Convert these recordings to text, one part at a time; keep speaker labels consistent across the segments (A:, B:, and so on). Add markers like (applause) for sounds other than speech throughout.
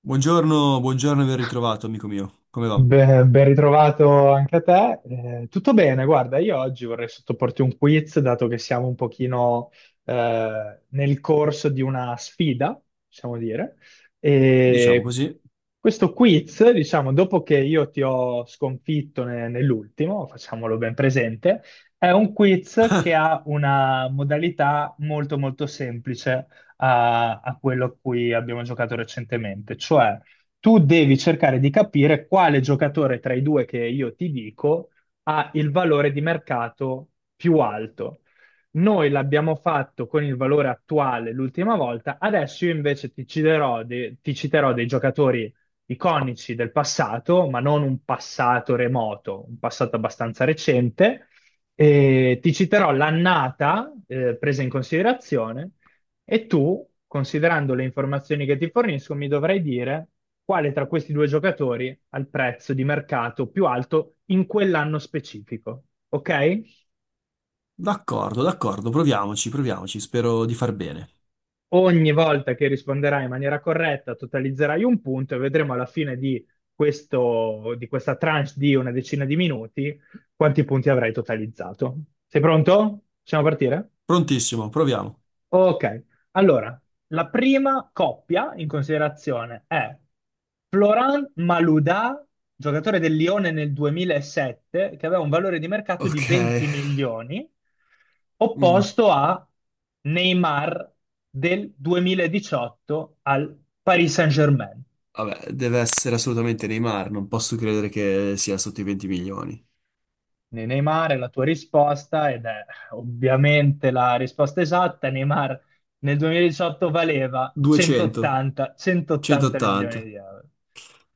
A: Buongiorno, buongiorno e ben ritrovato, amico mio. Come va?
B: Beh, ben ritrovato anche a te. Tutto bene, guarda, io oggi vorrei sottoporti un quiz, dato che siamo un pochino nel corso di una sfida, possiamo dire.
A: Diciamo
B: E
A: così.
B: questo quiz, diciamo, dopo che io ti ho sconfitto nell'ultimo, facciamolo ben presente, è un quiz che
A: (laughs)
B: ha una modalità molto molto semplice a quello a cui abbiamo giocato recentemente, cioè tu devi cercare di capire quale giocatore tra i due che io ti dico ha il valore di mercato più alto. Noi l'abbiamo fatto con il valore attuale l'ultima volta, adesso io invece ti citerò, ti citerò dei giocatori iconici del passato, ma non un passato remoto, un passato abbastanza recente, e ti citerò l'annata presa in considerazione e tu, considerando le informazioni che ti fornisco, mi dovrai dire quale tra questi due giocatori ha il prezzo di mercato più alto in quell'anno specifico. Ok?
A: D'accordo, d'accordo, proviamoci, proviamoci. Spero di far bene.
B: Ogni volta che risponderai in maniera corretta, totalizzerai un punto e vedremo alla fine di questo, di questa tranche di una decina di minuti quanti punti avrai totalizzato. Sei pronto? Possiamo partire?
A: Prontissimo, proviamo.
B: Ok, allora, la prima coppia in considerazione è Florent Malouda, giocatore del Lione nel 2007, che aveva un valore di mercato di
A: Ok.
B: 20 milioni,
A: Mm,
B: opposto a Neymar del 2018 al Paris Saint-Germain.
A: Vabbè, deve essere assolutamente Neymar, non posso credere che sia sotto i 20 milioni.
B: Neymar è la tua risposta ed è ovviamente la risposta esatta. Neymar nel 2018 valeva
A: 200,
B: 180, 180 milioni
A: 180.
B: di euro.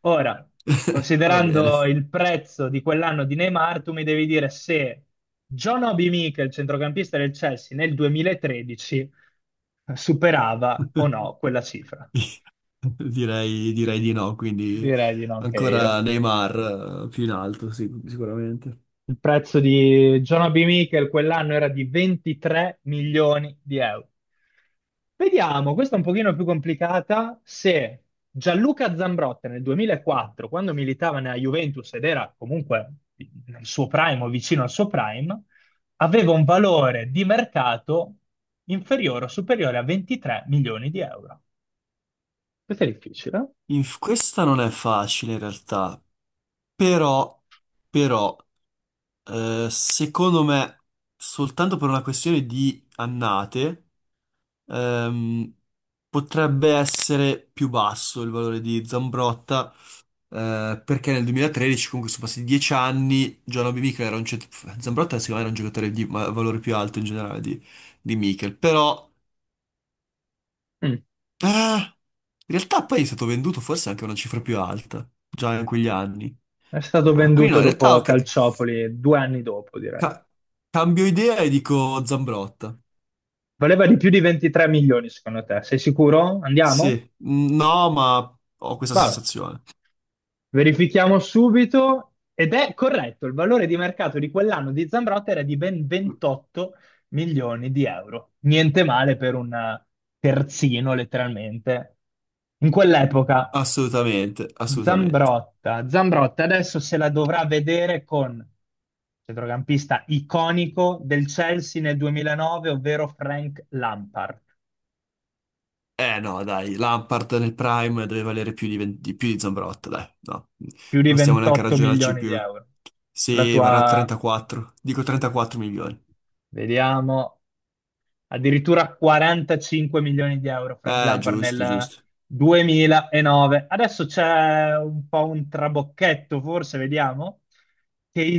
B: Ora,
A: (laughs) Va bene.
B: considerando il prezzo di quell'anno di Neymar, tu mi devi dire se John Obi Mikel, centrocampista del Chelsea, nel 2013 superava o no quella cifra.
A: (laughs) Direi di no, quindi
B: Direi di no anche
A: ancora
B: io.
A: Neymar più in alto, sì, sicuramente.
B: Il prezzo di Jonah B. Michael quell'anno era di 23 milioni di euro. Vediamo, questa è un pochino più complicata, se Gianluca Zambrotta nel 2004, quando militava nella Juventus ed era comunque nel suo prime o vicino al suo prime, aveva un valore di mercato inferiore o superiore a 23 milioni di euro. Questo è difficile.
A: Questa non è facile in realtà. Però, però, secondo me, soltanto per una questione di annate, ehm, potrebbe essere più basso il valore di Zambrotta, perché nel 2013, comunque sono passati 10 anni, John Obi Mikel era un. Zambrotta secondo me era un giocatore di valore più alto in generale di Mikel, però,
B: Eh? Mm.
A: in realtà poi è stato venduto forse anche a una cifra più alta, già in quegli anni.
B: È stato
A: Quindi no,
B: venduto
A: in realtà,
B: dopo
A: ok.
B: Calciopoli due anni dopo, direi.
A: Ca- cambio idea e dico Zambrotta.
B: Valeva di più di 23 milioni, secondo te? Sei sicuro? Andiamo?
A: Sì, no, ma ho questa
B: Vabbè.
A: sensazione.
B: Verifichiamo subito. Ed è corretto, il valore di mercato di quell'anno di Zambrotta era di ben 28 milioni di euro. Niente male per un terzino, letteralmente. In quell'epoca,
A: Assolutamente, assolutamente.
B: Zambrotta, Zambrotta adesso se la dovrà vedere con centrocampista iconico del Chelsea nel 2009, ovvero Frank Lampard.
A: Eh no, dai, Lampard nel Prime deve valere più di 20 di più di Zambrotta, dai, no.
B: Più di
A: Non stiamo neanche a
B: 28
A: ragionarci
B: milioni di
A: più.
B: euro. La
A: Sì, varrà
B: tua,
A: 34. Dico 34 milioni.
B: vediamo, addirittura 45 milioni di euro Frank Lampard
A: Giusto,
B: nel
A: giusto.
B: 2009. Adesso c'è un po' un trabocchetto, forse, vediamo.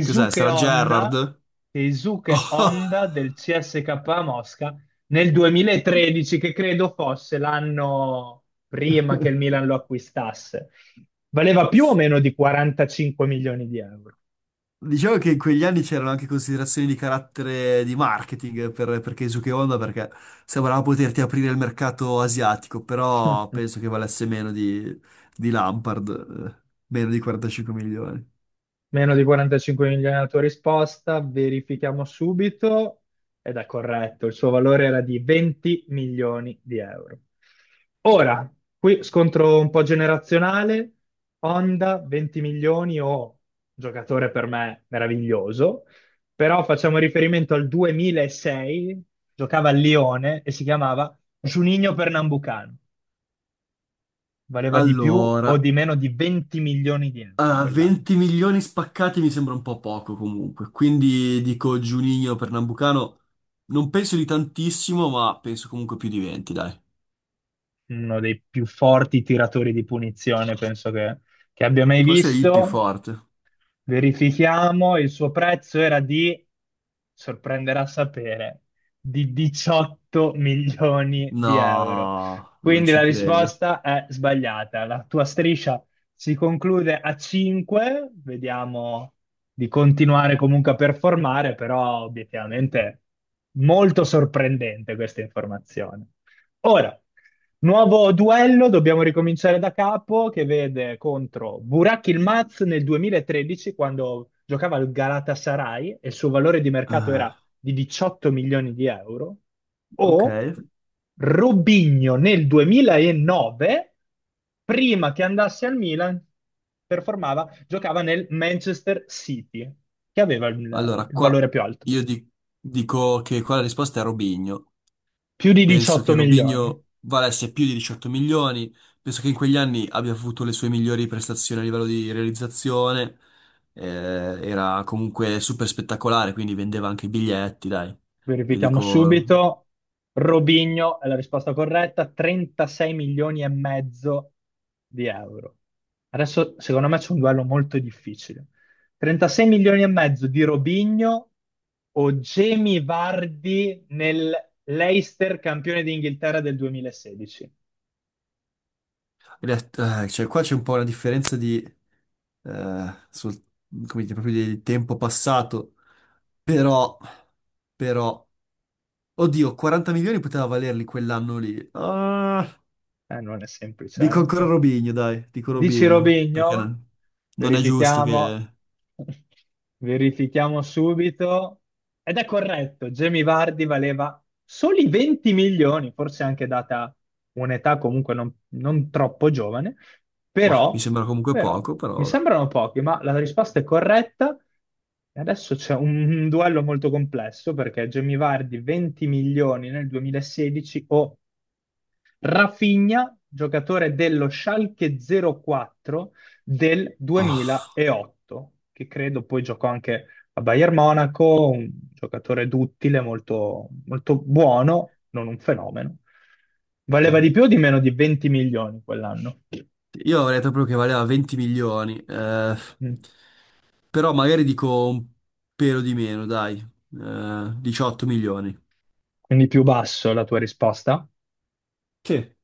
A: Cos'è? Sarà
B: Honda,
A: Gerrard?
B: Keisuke
A: (laughs)
B: Honda del CSKA Mosca nel 2013, che credo fosse l'anno prima che
A: Oh.
B: il Milan lo acquistasse. Valeva più o meno di 45 milioni di euro.
A: Diciamo che in quegli anni c'erano anche considerazioni di carattere di marketing per Keisuke Honda perché sembrava poterti aprire il mercato asiatico, però
B: (laughs)
A: penso che valesse meno di Lampard, meno di 45 milioni.
B: Meno di 45 milioni la tua risposta, verifichiamo subito ed è corretto, il suo valore era di 20 milioni di euro. Ora, qui scontro un po' generazionale, Honda 20 milioni o giocatore per me meraviglioso, però facciamo riferimento al 2006, giocava a Lione e si chiamava Juninho Pernambucano, valeva di più o
A: Allora,
B: di meno di 20 milioni di euro quell'anno.
A: 20 milioni spaccati mi sembra un po' poco comunque, quindi dico Juninho per Nambucano, non penso di tantissimo, ma penso comunque più di 20, dai.
B: Uno dei più forti tiratori di punizione, penso che abbia mai
A: Forse è il più
B: visto.
A: forte.
B: Verifichiamo, il suo prezzo era di, sorprenderà sapere, di 18 (laughs) milioni di euro.
A: No, non
B: Quindi
A: ci
B: la
A: credo.
B: risposta è sbagliata. La tua striscia si conclude a 5, vediamo di continuare comunque a performare, però obiettivamente molto sorprendente questa informazione. Ora, nuovo duello, dobbiamo ricominciare da capo, che vede contro Burak Yılmaz nel 2013, quando giocava al Galatasaray e il suo valore di mercato era
A: Ah,
B: di 18 milioni di euro,
A: ok.
B: o Robinho nel 2009, prima che andasse al Milan, performava, giocava nel Manchester City, che aveva il
A: Allora,
B: il
A: qua
B: valore più alto,
A: io dico che qua la risposta è Robinho.
B: più di
A: Penso
B: 18
A: che
B: milioni.
A: Robinho valesse più di 18 milioni, penso che in quegli anni abbia avuto le sue migliori prestazioni a livello di realizzazione, eh, era comunque super spettacolare, quindi vendeva anche i biglietti, dai. Io
B: Verifichiamo
A: dico,
B: subito. Robinho è la risposta corretta, 36 milioni e mezzo di euro. Adesso, secondo me, c'è un duello molto difficile. 36 milioni e mezzo di Robinho o Jamie Vardy nel Leicester campione d'Inghilterra del 2016?
A: in realtà, cioè, qua c'è un po' una differenza di, eh, sul- come dire, proprio di tempo passato, però, però, oddio, 40 milioni poteva valerli quell'anno lì. Ah.
B: Non è
A: Dico
B: semplice.
A: ancora
B: Eh.
A: Robinho, dai, dico
B: Dici
A: Robinho, perché
B: Robigno?
A: non è giusto
B: Verifichiamo.
A: che.
B: (laughs) Verifichiamo subito. Ed è corretto, Jamie Vardy valeva soli 20 milioni, forse anche data un'età comunque non troppo giovane,
A: Ma mi
B: però,
A: sembra comunque
B: però
A: poco,
B: mi
A: però, vabbè.
B: sembrano pochi, ma la risposta è corretta. E adesso c'è un duello molto complesso perché Jamie Vardy 20 milioni nel 2016 o Rafinha, giocatore dello Schalke 04 del
A: Ah.
B: 2008, che credo poi giocò anche a Bayern Monaco, un giocatore duttile, molto, molto buono, non un fenomeno. Valeva di più o di meno di 20 milioni quell'anno?
A: Io avrei detto proprio che valeva 20 milioni,
B: Mm.
A: però magari dico un pelo di meno, dai, 18 milioni.
B: Quindi più basso la tua risposta?
A: Che?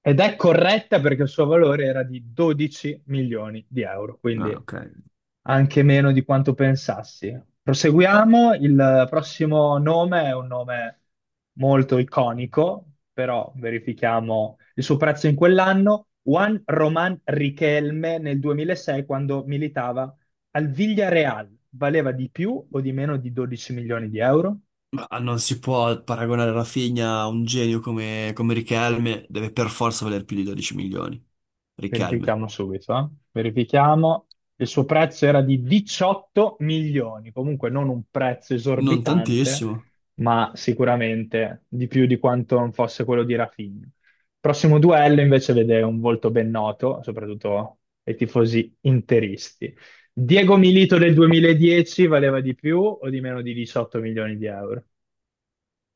B: Ed è corretta perché il suo valore era di 12 milioni di euro, quindi
A: Ah, ok.
B: anche meno di quanto pensassi. Proseguiamo, il prossimo nome è un nome molto iconico, però verifichiamo il suo prezzo in quell'anno. Juan Román Riquelme nel 2006, quando militava al Villarreal, valeva di più o di meno di 12 milioni di euro?
A: Ma non si può paragonare Rafinha a un genio come Riquelme, deve per forza valer più di 12 milioni. Riquelme.
B: Verifichiamo subito, eh. Verifichiamo. Il suo prezzo era di 18 milioni, comunque non un prezzo
A: Non
B: esorbitante,
A: tantissimo.
B: ma sicuramente di più di quanto non fosse quello di Rafinha. Prossimo duello invece vede un volto ben noto, soprattutto ai tifosi interisti. Diego Milito del 2010 valeva di più o di meno di 18 milioni di euro?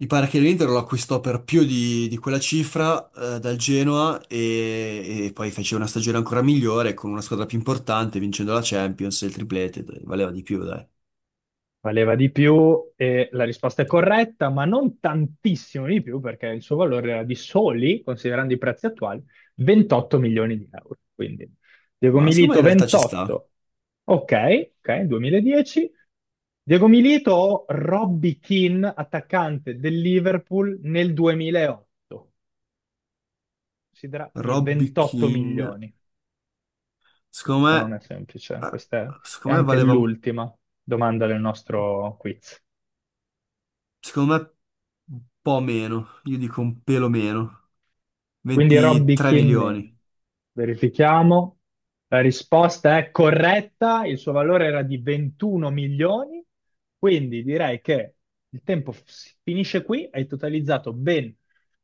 A: Mi pare che l'Inter lo acquistò per più di quella cifra dal Genoa e poi fece una stagione ancora migliore con una squadra più importante, vincendo la Champions e il triplete, dai, valeva di più, dai.
B: Valeva di più e la risposta è corretta, ma non tantissimo di più perché il suo valore era di soli, considerando i prezzi attuali, 28 milioni di euro. Quindi Diego
A: Ma secondo me
B: Milito
A: in realtà ci sta.
B: 28, ok, ok, 2010. Diego Milito o Robbie Keane, attaccante del Liverpool nel 2008. Considera i
A: Robby
B: 28
A: Keane,
B: milioni.
A: secondo
B: Questa non
A: me,
B: è semplice,
A: eh,
B: questa è
A: secondo me
B: anche
A: valeva un,
B: l'ultima domanda del nostro quiz.
A: secondo me un po' meno, io dico un pelo meno,
B: Quindi Robby
A: 23 milioni.
B: Kinman, verifichiamo. La risposta è corretta, il suo valore era di 21 milioni, quindi direi che il tempo finisce qui, hai totalizzato ben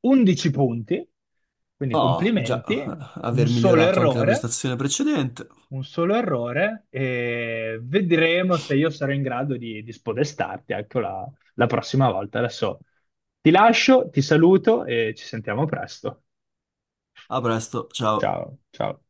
B: 11 punti, quindi
A: Oh, già,
B: complimenti, un
A: aver
B: solo
A: migliorato anche la
B: errore,
A: prestazione precedente.
B: un solo errore e vedremo se io sarò in grado di, spodestarti anche la prossima volta. Adesso ti lascio, ti saluto e ci sentiamo presto.
A: A presto, ciao.
B: Ciao, ciao.